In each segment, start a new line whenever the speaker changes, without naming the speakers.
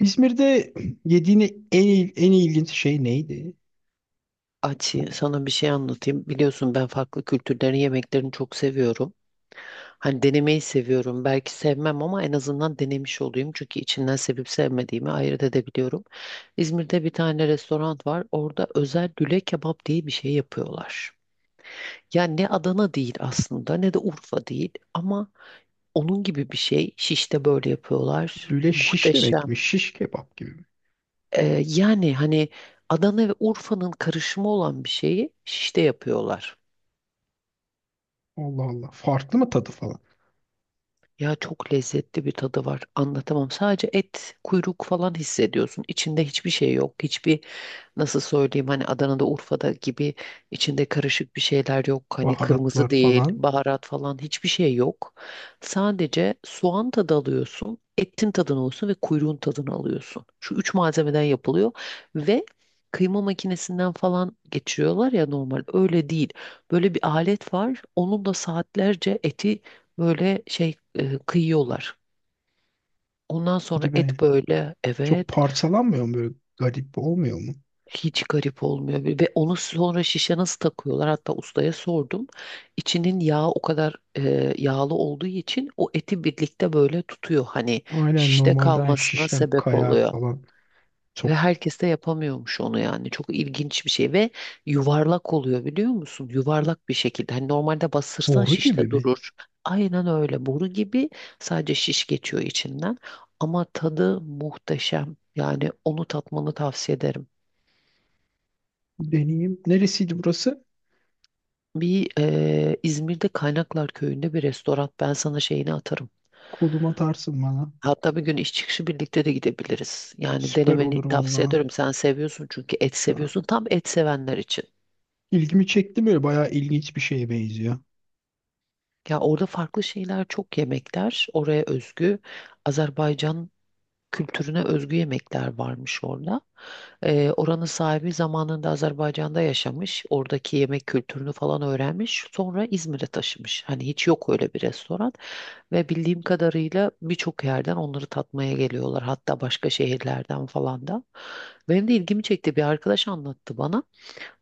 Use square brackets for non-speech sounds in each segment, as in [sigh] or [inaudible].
İzmir'de yediğin en ilginç şey neydi?
Açı sana bir şey anlatayım. Biliyorsun ben farklı kültürlerin yemeklerini çok seviyorum. Hani denemeyi seviyorum. Belki sevmem ama en azından denemiş olayım. Çünkü içinden sevip sevmediğimi ayırt edebiliyorum. İzmir'de bir tane restoran var. Orada özel lüle kebap diye bir şey yapıyorlar. Yani ne Adana değil aslında ne de Urfa değil ama onun gibi bir şey. Şiş'te böyle yapıyorlar.
Lüle şiş demek
Muhteşem.
mi? Şiş kebap gibi mi?
Yani hani Adana ve Urfa'nın karışımı olan bir şeyi Şiş'te yapıyorlar.
Allah Allah. Farklı mı tadı falan?
Ya çok lezzetli bir tadı var. Anlatamam. Sadece et, kuyruk falan hissediyorsun. İçinde hiçbir şey yok. Nasıl söyleyeyim hani Adana'da Urfa'da gibi içinde karışık bir şeyler yok. Hani kırmızı
Baharatlar
değil,
falan.
baharat falan hiçbir şey yok. Sadece soğan tadı alıyorsun, etin tadını alıyorsun ve kuyruğun tadını alıyorsun. Şu üç malzemeden yapılıyor ve kıyma makinesinden falan geçiriyorlar ya normal. Öyle değil. Böyle bir alet var. Onun da saatlerce eti böyle şey kıyıyorlar. Ondan sonra
Hadi be.
et böyle
Çok
evet.
parçalanmıyor mu böyle? Garip olmuyor mu?
Hiç garip olmuyor ve onu sonra şişe nasıl takıyorlar? Hatta ustaya sordum. İçinin yağı o kadar yağlı olduğu için o eti birlikte böyle tutuyor. Hani
Aynen,
şişte
normalden
kalmasına
şişten
sebep
kayar
oluyor.
falan.
Ve
Çok
herkes de yapamıyormuş onu yani. Çok ilginç bir şey ve yuvarlak oluyor biliyor musun? Yuvarlak bir şekilde. Hani normalde bastırsan
Boru
şişte
gibi mi?
durur. Aynen öyle. Boru gibi sadece şiş geçiyor içinden. Ama tadı muhteşem. Yani onu tatmanı tavsiye ederim.
Deneyeyim. Neresiydi burası?
Bir İzmir'de Kaynaklar Köyü'nde bir restoran. Ben sana şeyini atarım.
Koluma atarsın bana.
Hatta bir gün iş çıkışı birlikte de gidebiliriz. Yani
Süper
denemeni
olur
tavsiye
valla.
ederim. Sen seviyorsun çünkü et
Şu an.
seviyorsun. Tam et sevenler için.
İlgimi çekti böyle. Bayağı ilginç bir şeye benziyor.
Ya orada farklı şeyler çok yemekler. Oraya özgü Azerbaycan kültürüne özgü yemekler varmış orada. Oranın sahibi zamanında Azerbaycan'da yaşamış. Oradaki yemek kültürünü falan öğrenmiş. Sonra İzmir'e taşımış. Hani hiç yok öyle bir restoran. Ve bildiğim kadarıyla birçok yerden onları tatmaya geliyorlar. Hatta başka şehirlerden falan da. Benim de ilgimi çekti. Bir arkadaş anlattı bana.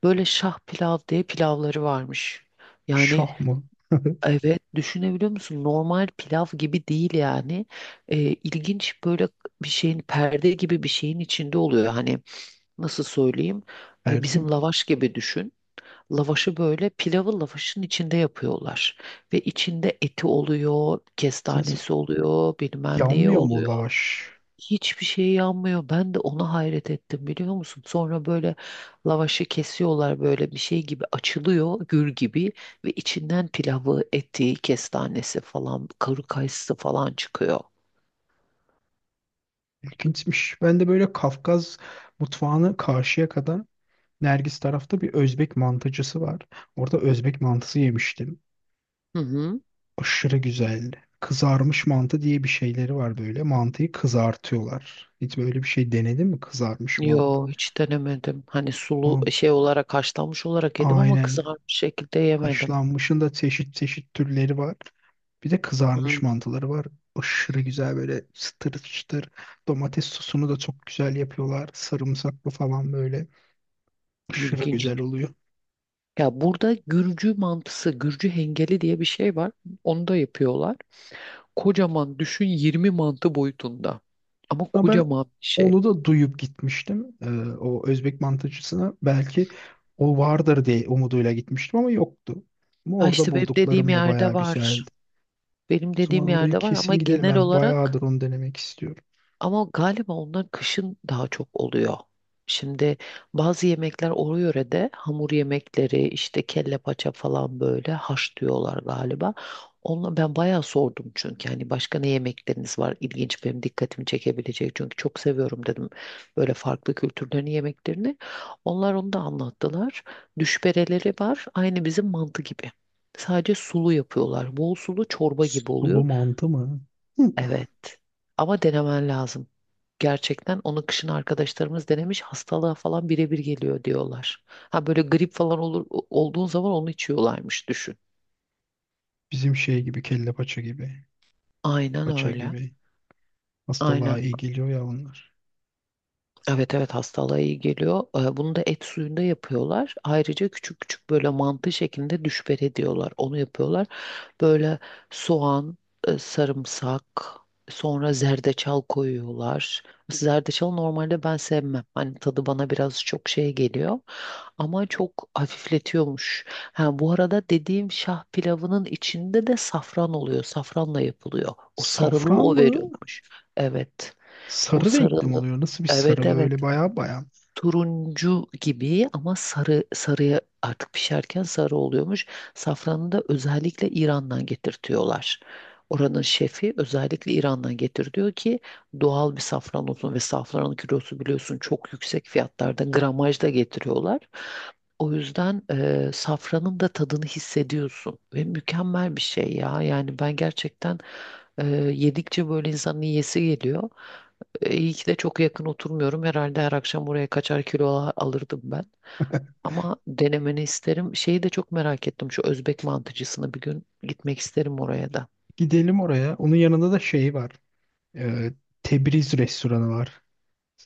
Böyle şah pilav diye pilavları varmış. Yani
Şah mı? [laughs]
evet düşünebiliyor musun? Normal pilav gibi değil yani. İlginç böyle bir şeyin perde gibi bir şeyin içinde oluyor. Hani nasıl söyleyeyim?
Perde
Bizim
mi?
lavaş gibi düşün. Lavaşı böyle pilavı lavaşın içinde yapıyorlar. Ve içinde eti oluyor,
Nasıl?
kestanesi oluyor, bilmem neyi
Yanmıyor mu o
oluyor.
lavaş?
Hiçbir şey yanmıyor. Ben de ona hayret ettim biliyor musun? Sonra böyle lavaşı kesiyorlar böyle bir şey gibi açılıyor, gül gibi. Ve içinden pilavı, eti, kestanesi falan, kuru kayısı falan çıkıyor.
İlginçmiş. Ben de böyle Kafkas mutfağını karşıya kadar, Nergis tarafta bir Özbek mantıcısı var. Orada Özbek mantısı yemiştim.
Hı hı.
Aşırı güzeldi. Kızarmış mantı diye bir şeyleri var böyle. Mantıyı kızartıyorlar. Hiç böyle bir şey denedin mi? Kızarmış mantı.
Yo hiç denemedim. Hani sulu
Man
şey olarak haşlanmış olarak yedim ama
Aynen.
kızarmış şekilde yemedim.
Haşlanmışın da çeşit çeşit türleri var. Bir de
Hı,
kızarmış mantıları var. Aşırı güzel böyle, çıtır çıtır. Domates sosunu da çok güzel yapıyorlar. Sarımsaklı falan böyle. Aşırı
ilginç.
güzel oluyor.
Ya burada Gürcü mantısı, Gürcü hengeli diye bir şey var. Onu da yapıyorlar. Kocaman düşün 20 mantı boyutunda. Ama
Ama ben
kocaman bir şey.
onu da duyup gitmiştim. O Özbek mantıcısına belki o vardır diye umuduyla gitmiştim ama yoktu. Ama
Ha
orada
işte benim dediğim
bulduklarım da
yerde
bayağı
var.
güzeldi.
Benim
O
dediğim
zaman oraya
yerde var ama
kesin gidelim.
genel
Ben
olarak.
bayağıdır onu denemek istiyorum.
Ama galiba onlar kışın daha çok oluyor. Şimdi bazı yemekler o yörede hamur yemekleri işte kelle paça falan böyle haş diyorlar galiba. Onunla ben bayağı sordum çünkü hani başka ne yemekleriniz var ilginç benim dikkatimi çekebilecek çünkü çok seviyorum dedim böyle farklı kültürlerin yemeklerini. Onlar onu da anlattılar. Düşbereleri var aynı bizim mantı gibi. Sadece sulu yapıyorlar. Bol sulu çorba gibi oluyor.
Sulu mantı mı? Hı.
Evet. Ama denemen lazım. Gerçekten onu kışın arkadaşlarımız denemiş hastalığa falan birebir geliyor diyorlar. Ha böyle grip falan olur olduğun zaman onu içiyorlarmış düşün.
Bizim şey gibi, kelle paça gibi.
Aynen
Paça
öyle.
gibi. Hastalığa
Aynen.
iyi geliyor ya onlar.
Evet, evet, hastalığa iyi geliyor. Bunu da et suyunda yapıyorlar. Ayrıca küçük küçük böyle mantı şeklinde düşber ediyorlar. Onu yapıyorlar. Böyle soğan, sarımsak, sonra zerdeçal koyuyorlar. Zerdeçal normalde ben sevmem. Hani tadı bana biraz çok şey geliyor. Ama çok hafifletiyormuş. Ha, bu arada dediğim şah pilavının içinde de safran oluyor. Safranla yapılıyor. O sarılığı
Safran
o
mı?
veriyormuş. Evet. O
Sarı renkli mi
sarılığı.
oluyor? Nasıl bir
Evet,
sarı
evet,
böyle, baya baya.
turuncu gibi ama sarı sarıya artık pişerken sarı oluyormuş. Safranı da özellikle İran'dan getirtiyorlar. Oranın şefi özellikle İran'dan getir diyor ki doğal bir safran olsun ve safranın kilosu biliyorsun çok yüksek fiyatlarda gramajda getiriyorlar. O yüzden safranın da tadını hissediyorsun ve mükemmel bir şey ya. Yani ben gerçekten e, yedikçe böyle insanın yiyesi geliyor. İyi ki de çok yakın oturmuyorum. Herhalde her akşam buraya kaçar kilo alırdım ben. Ama denemeni isterim. Şeyi de çok merak ettim. Şu Özbek mantıcısını bir gün gitmek isterim oraya da.
Gidelim oraya. Onun yanında da şey var. Ee, Tebriz restoranı var.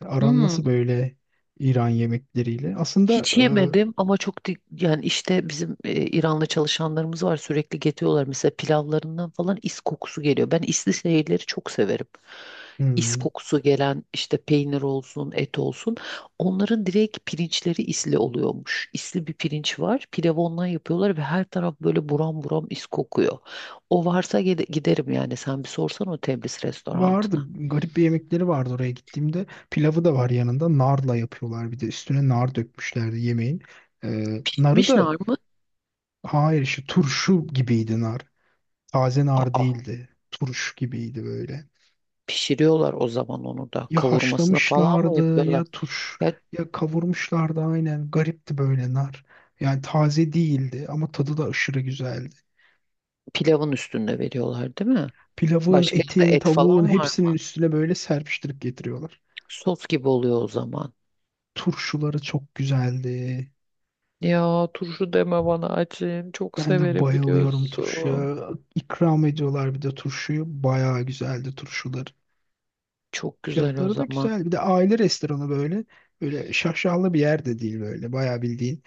Aran nasıl
Hmm.
böyle İran yemekleriyle? Aslında
Hiç yemedim ama çok yani işte bizim İranlı çalışanlarımız var sürekli getiriyorlar mesela pilavlarından falan is kokusu geliyor. Ben isli şeyleri çok severim.
e,
Is
hmm,
kokusu gelen işte peynir olsun, et olsun. Onların direkt pirinçleri isli oluyormuş. İsli bir pirinç var. Pilavı ondan yapıyorlar ve her taraf böyle buram buram is kokuyor. O varsa giderim yani. Sen bir sorsan o Tebris
vardı.
restorantına.
Garip bir yemekleri vardı oraya gittiğimde. Pilavı da var yanında. Narla yapıyorlar bir de. Üstüne nar dökmüşlerdi yemeğin. Narı da,
Mişnar mı?
hayır, işte turşu gibiydi nar. Taze nar
Aa,
değildi. Turş gibiydi böyle.
pişiriyorlar o zaman onu da.
Ya
Kavurmasını falan mı
haşlamışlardı, ya
yapıyorlar?
turş
Ya
ya kavurmuşlardı, aynen. Garipti böyle nar. Yani taze değildi ama tadı da aşırı güzeldi.
pilavın üstünde veriyorlar değil mi?
Pilavın,
Başka yerde
etin,
et
tavuğun
falan var
hepsinin
mı?
üstüne böyle serpiştirip getiriyorlar.
Sos gibi oluyor o zaman.
Turşuları çok güzeldi.
Ya turşu deme bana açın. Çok
Ben de
severim
bayılıyorum
biliyorsun.
turşuya. İkram ediyorlar bir de turşuyu. Bayağı güzeldi turşuları.
Çok güzel o
Fiyatları da
zaman.
güzel. Bir de aile restoranı böyle. Böyle şaşalı bir yer de değil böyle. Bayağı bildiğin.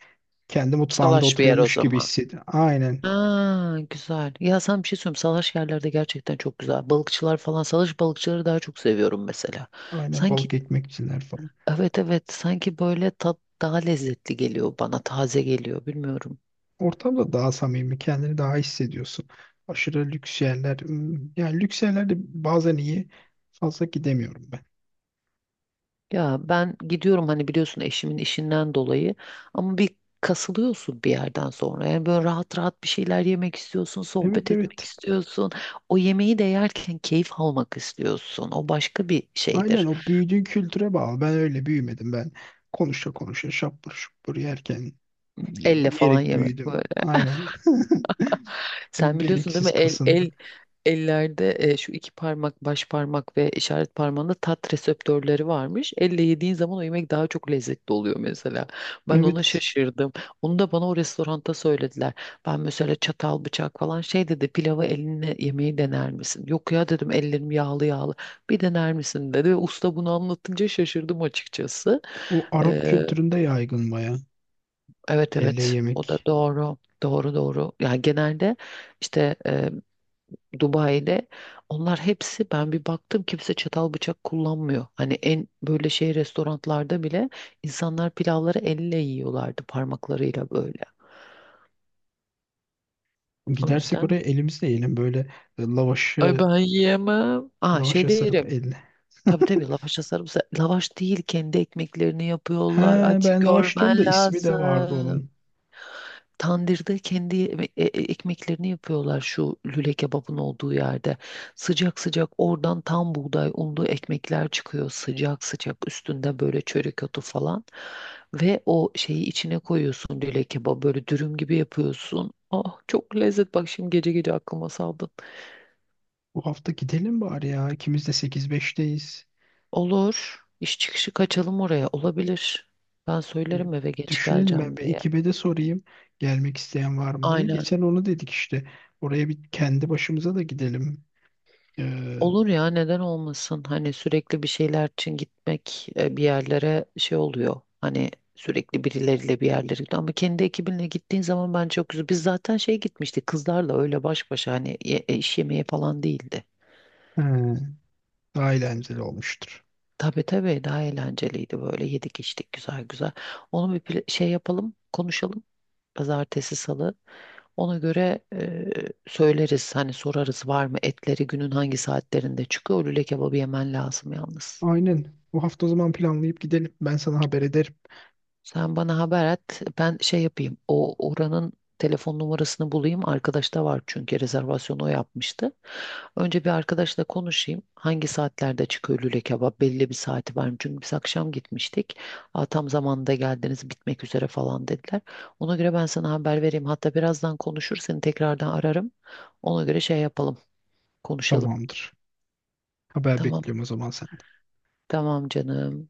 Kendi mutfağında
Salaş bir yer o
oturuyormuş gibi
zaman.
hissediyor. Aynen.
Aa, güzel. Ya sen bir şey söyleyeyim. Salaş yerlerde gerçekten çok güzel. Balıkçılar falan. Salaş balıkçıları daha çok seviyorum mesela.
Aynen,
Sanki
balık ekmekçiler falan.
evet, evet. Sanki böyle tat daha lezzetli geliyor bana. Taze geliyor. Bilmiyorum.
Ortamda daha samimi, kendini daha hissediyorsun. Aşırı lüks yerler. Yani lüks yerlerde bazen iyi. Fazla gidemiyorum ben.
Ya ben gidiyorum hani biliyorsun eşimin işinden dolayı ama bir kasılıyorsun bir yerden sonra. Yani böyle rahat rahat bir şeyler yemek istiyorsun,
Evet,
sohbet etmek
evet.
istiyorsun. O yemeği de yerken keyif almak istiyorsun. O başka bir
Aynen,
şeydir.
o büyüdüğün kültüre bağlı. Ben öyle büyümedim ben. Konuşa konuşa şapur şupur yerken,
Elle falan
yiyerek
yemek.
büyüdüm. Aynen. [laughs]
Sen biliyorsun değil mi?
Gereksiz
El el
kasındı.
ellerde şu iki parmak, baş parmak ve işaret parmağında tat reseptörleri varmış. Elle yediğin zaman o yemek daha çok lezzetli oluyor mesela. Ben ona
Evet.
şaşırdım. Onu da bana o restoranda söylediler. Ben mesela çatal, bıçak falan şey dedi. Pilavı elinle yemeği dener misin? Yok ya dedim ellerim yağlı yağlı. Bir dener misin dedi. Ve usta bunu anlatınca şaşırdım açıkçası.
O Arap
Ee,
kültüründe yaygın baya.
evet,
Elle
evet, o da
yemek.
doğru. Doğru, doğru. Yani genelde işte Dubai'de onlar hepsi ben bir baktım kimse çatal bıçak kullanmıyor. Hani en böyle şey restoranlarda bile insanlar pilavları elle yiyorlardı parmaklarıyla böyle. O
Gidersek
yüzden
oraya elimizle yiyelim böyle, e,
ay
lavaşı
ben yiyemem. Aa,
lavaşa
şeyde
sarıp,
yerim.
elle.
Tabii, tabii,
[laughs]
lavaşla sarımsak. Lavaş değil kendi ekmeklerini
He,
yapıyorlar. Açı
ben lavaş diyorum da
görmen
ismi de vardı
lazım.
onun.
Tandırda kendi ekmeklerini yapıyorlar şu lüle kebabın olduğu yerde. Sıcak sıcak oradan tam buğday unlu ekmekler çıkıyor sıcak sıcak üstünde böyle çörek otu falan. Ve o şeyi içine koyuyorsun lüle kebabı böyle dürüm gibi yapıyorsun. Ah çok lezzet bak şimdi gece gece aklıma saldın.
Bu hafta gidelim bari ya. İkimiz de sekiz beşteyiz.
Olur, iş çıkışı kaçalım oraya, olabilir. Ben
E,
söylerim eve geç
Düşünelim, ben
geleceğim
bir
diye.
ekibe de sorayım gelmek isteyen var mı diye.
Aynen.
Geçen onu dedik işte. Oraya bir kendi başımıza da gidelim. E,
Olur ya, neden olmasın? Hani sürekli bir şeyler için gitmek bir yerlere şey oluyor. Hani sürekli birileriyle bir yerlere gidiyor. Ama kendi ekibinle gittiğin zaman bence çok güzel. Biz zaten şey gitmiştik kızlarla öyle baş başa hani iş yemeği falan değildi.
he, daha eğlenceli olmuştur.
Tabii, tabii, daha eğlenceliydi böyle yedik içtik güzel güzel. Onu bir şey yapalım konuşalım. Pazartesi salı. Ona göre söyleriz hani sorarız var mı etleri günün hangi saatlerinde çıkıyor. O lüle kebabı yemen lazım yalnız.
Aynen. Bu hafta o zaman planlayıp gidelim. Ben sana haber ederim.
Sen bana haber et. Ben şey yapayım. O oranın telefon numarasını bulayım. Arkadaşta var çünkü rezervasyonu o yapmıştı. Önce bir arkadaşla konuşayım. Hangi saatlerde çıkıyor lüle kebap? Belli bir saati var mı? Çünkü biz akşam gitmiştik. Aa, tam zamanında geldiniz bitmek üzere falan dediler. Ona göre ben sana haber vereyim. Hatta birazdan konuşur seni tekrardan ararım. Ona göre şey yapalım. Konuşalım.
Tamamdır. Haber
Tamam.
bekliyorum o zaman sen.
Tamam canım.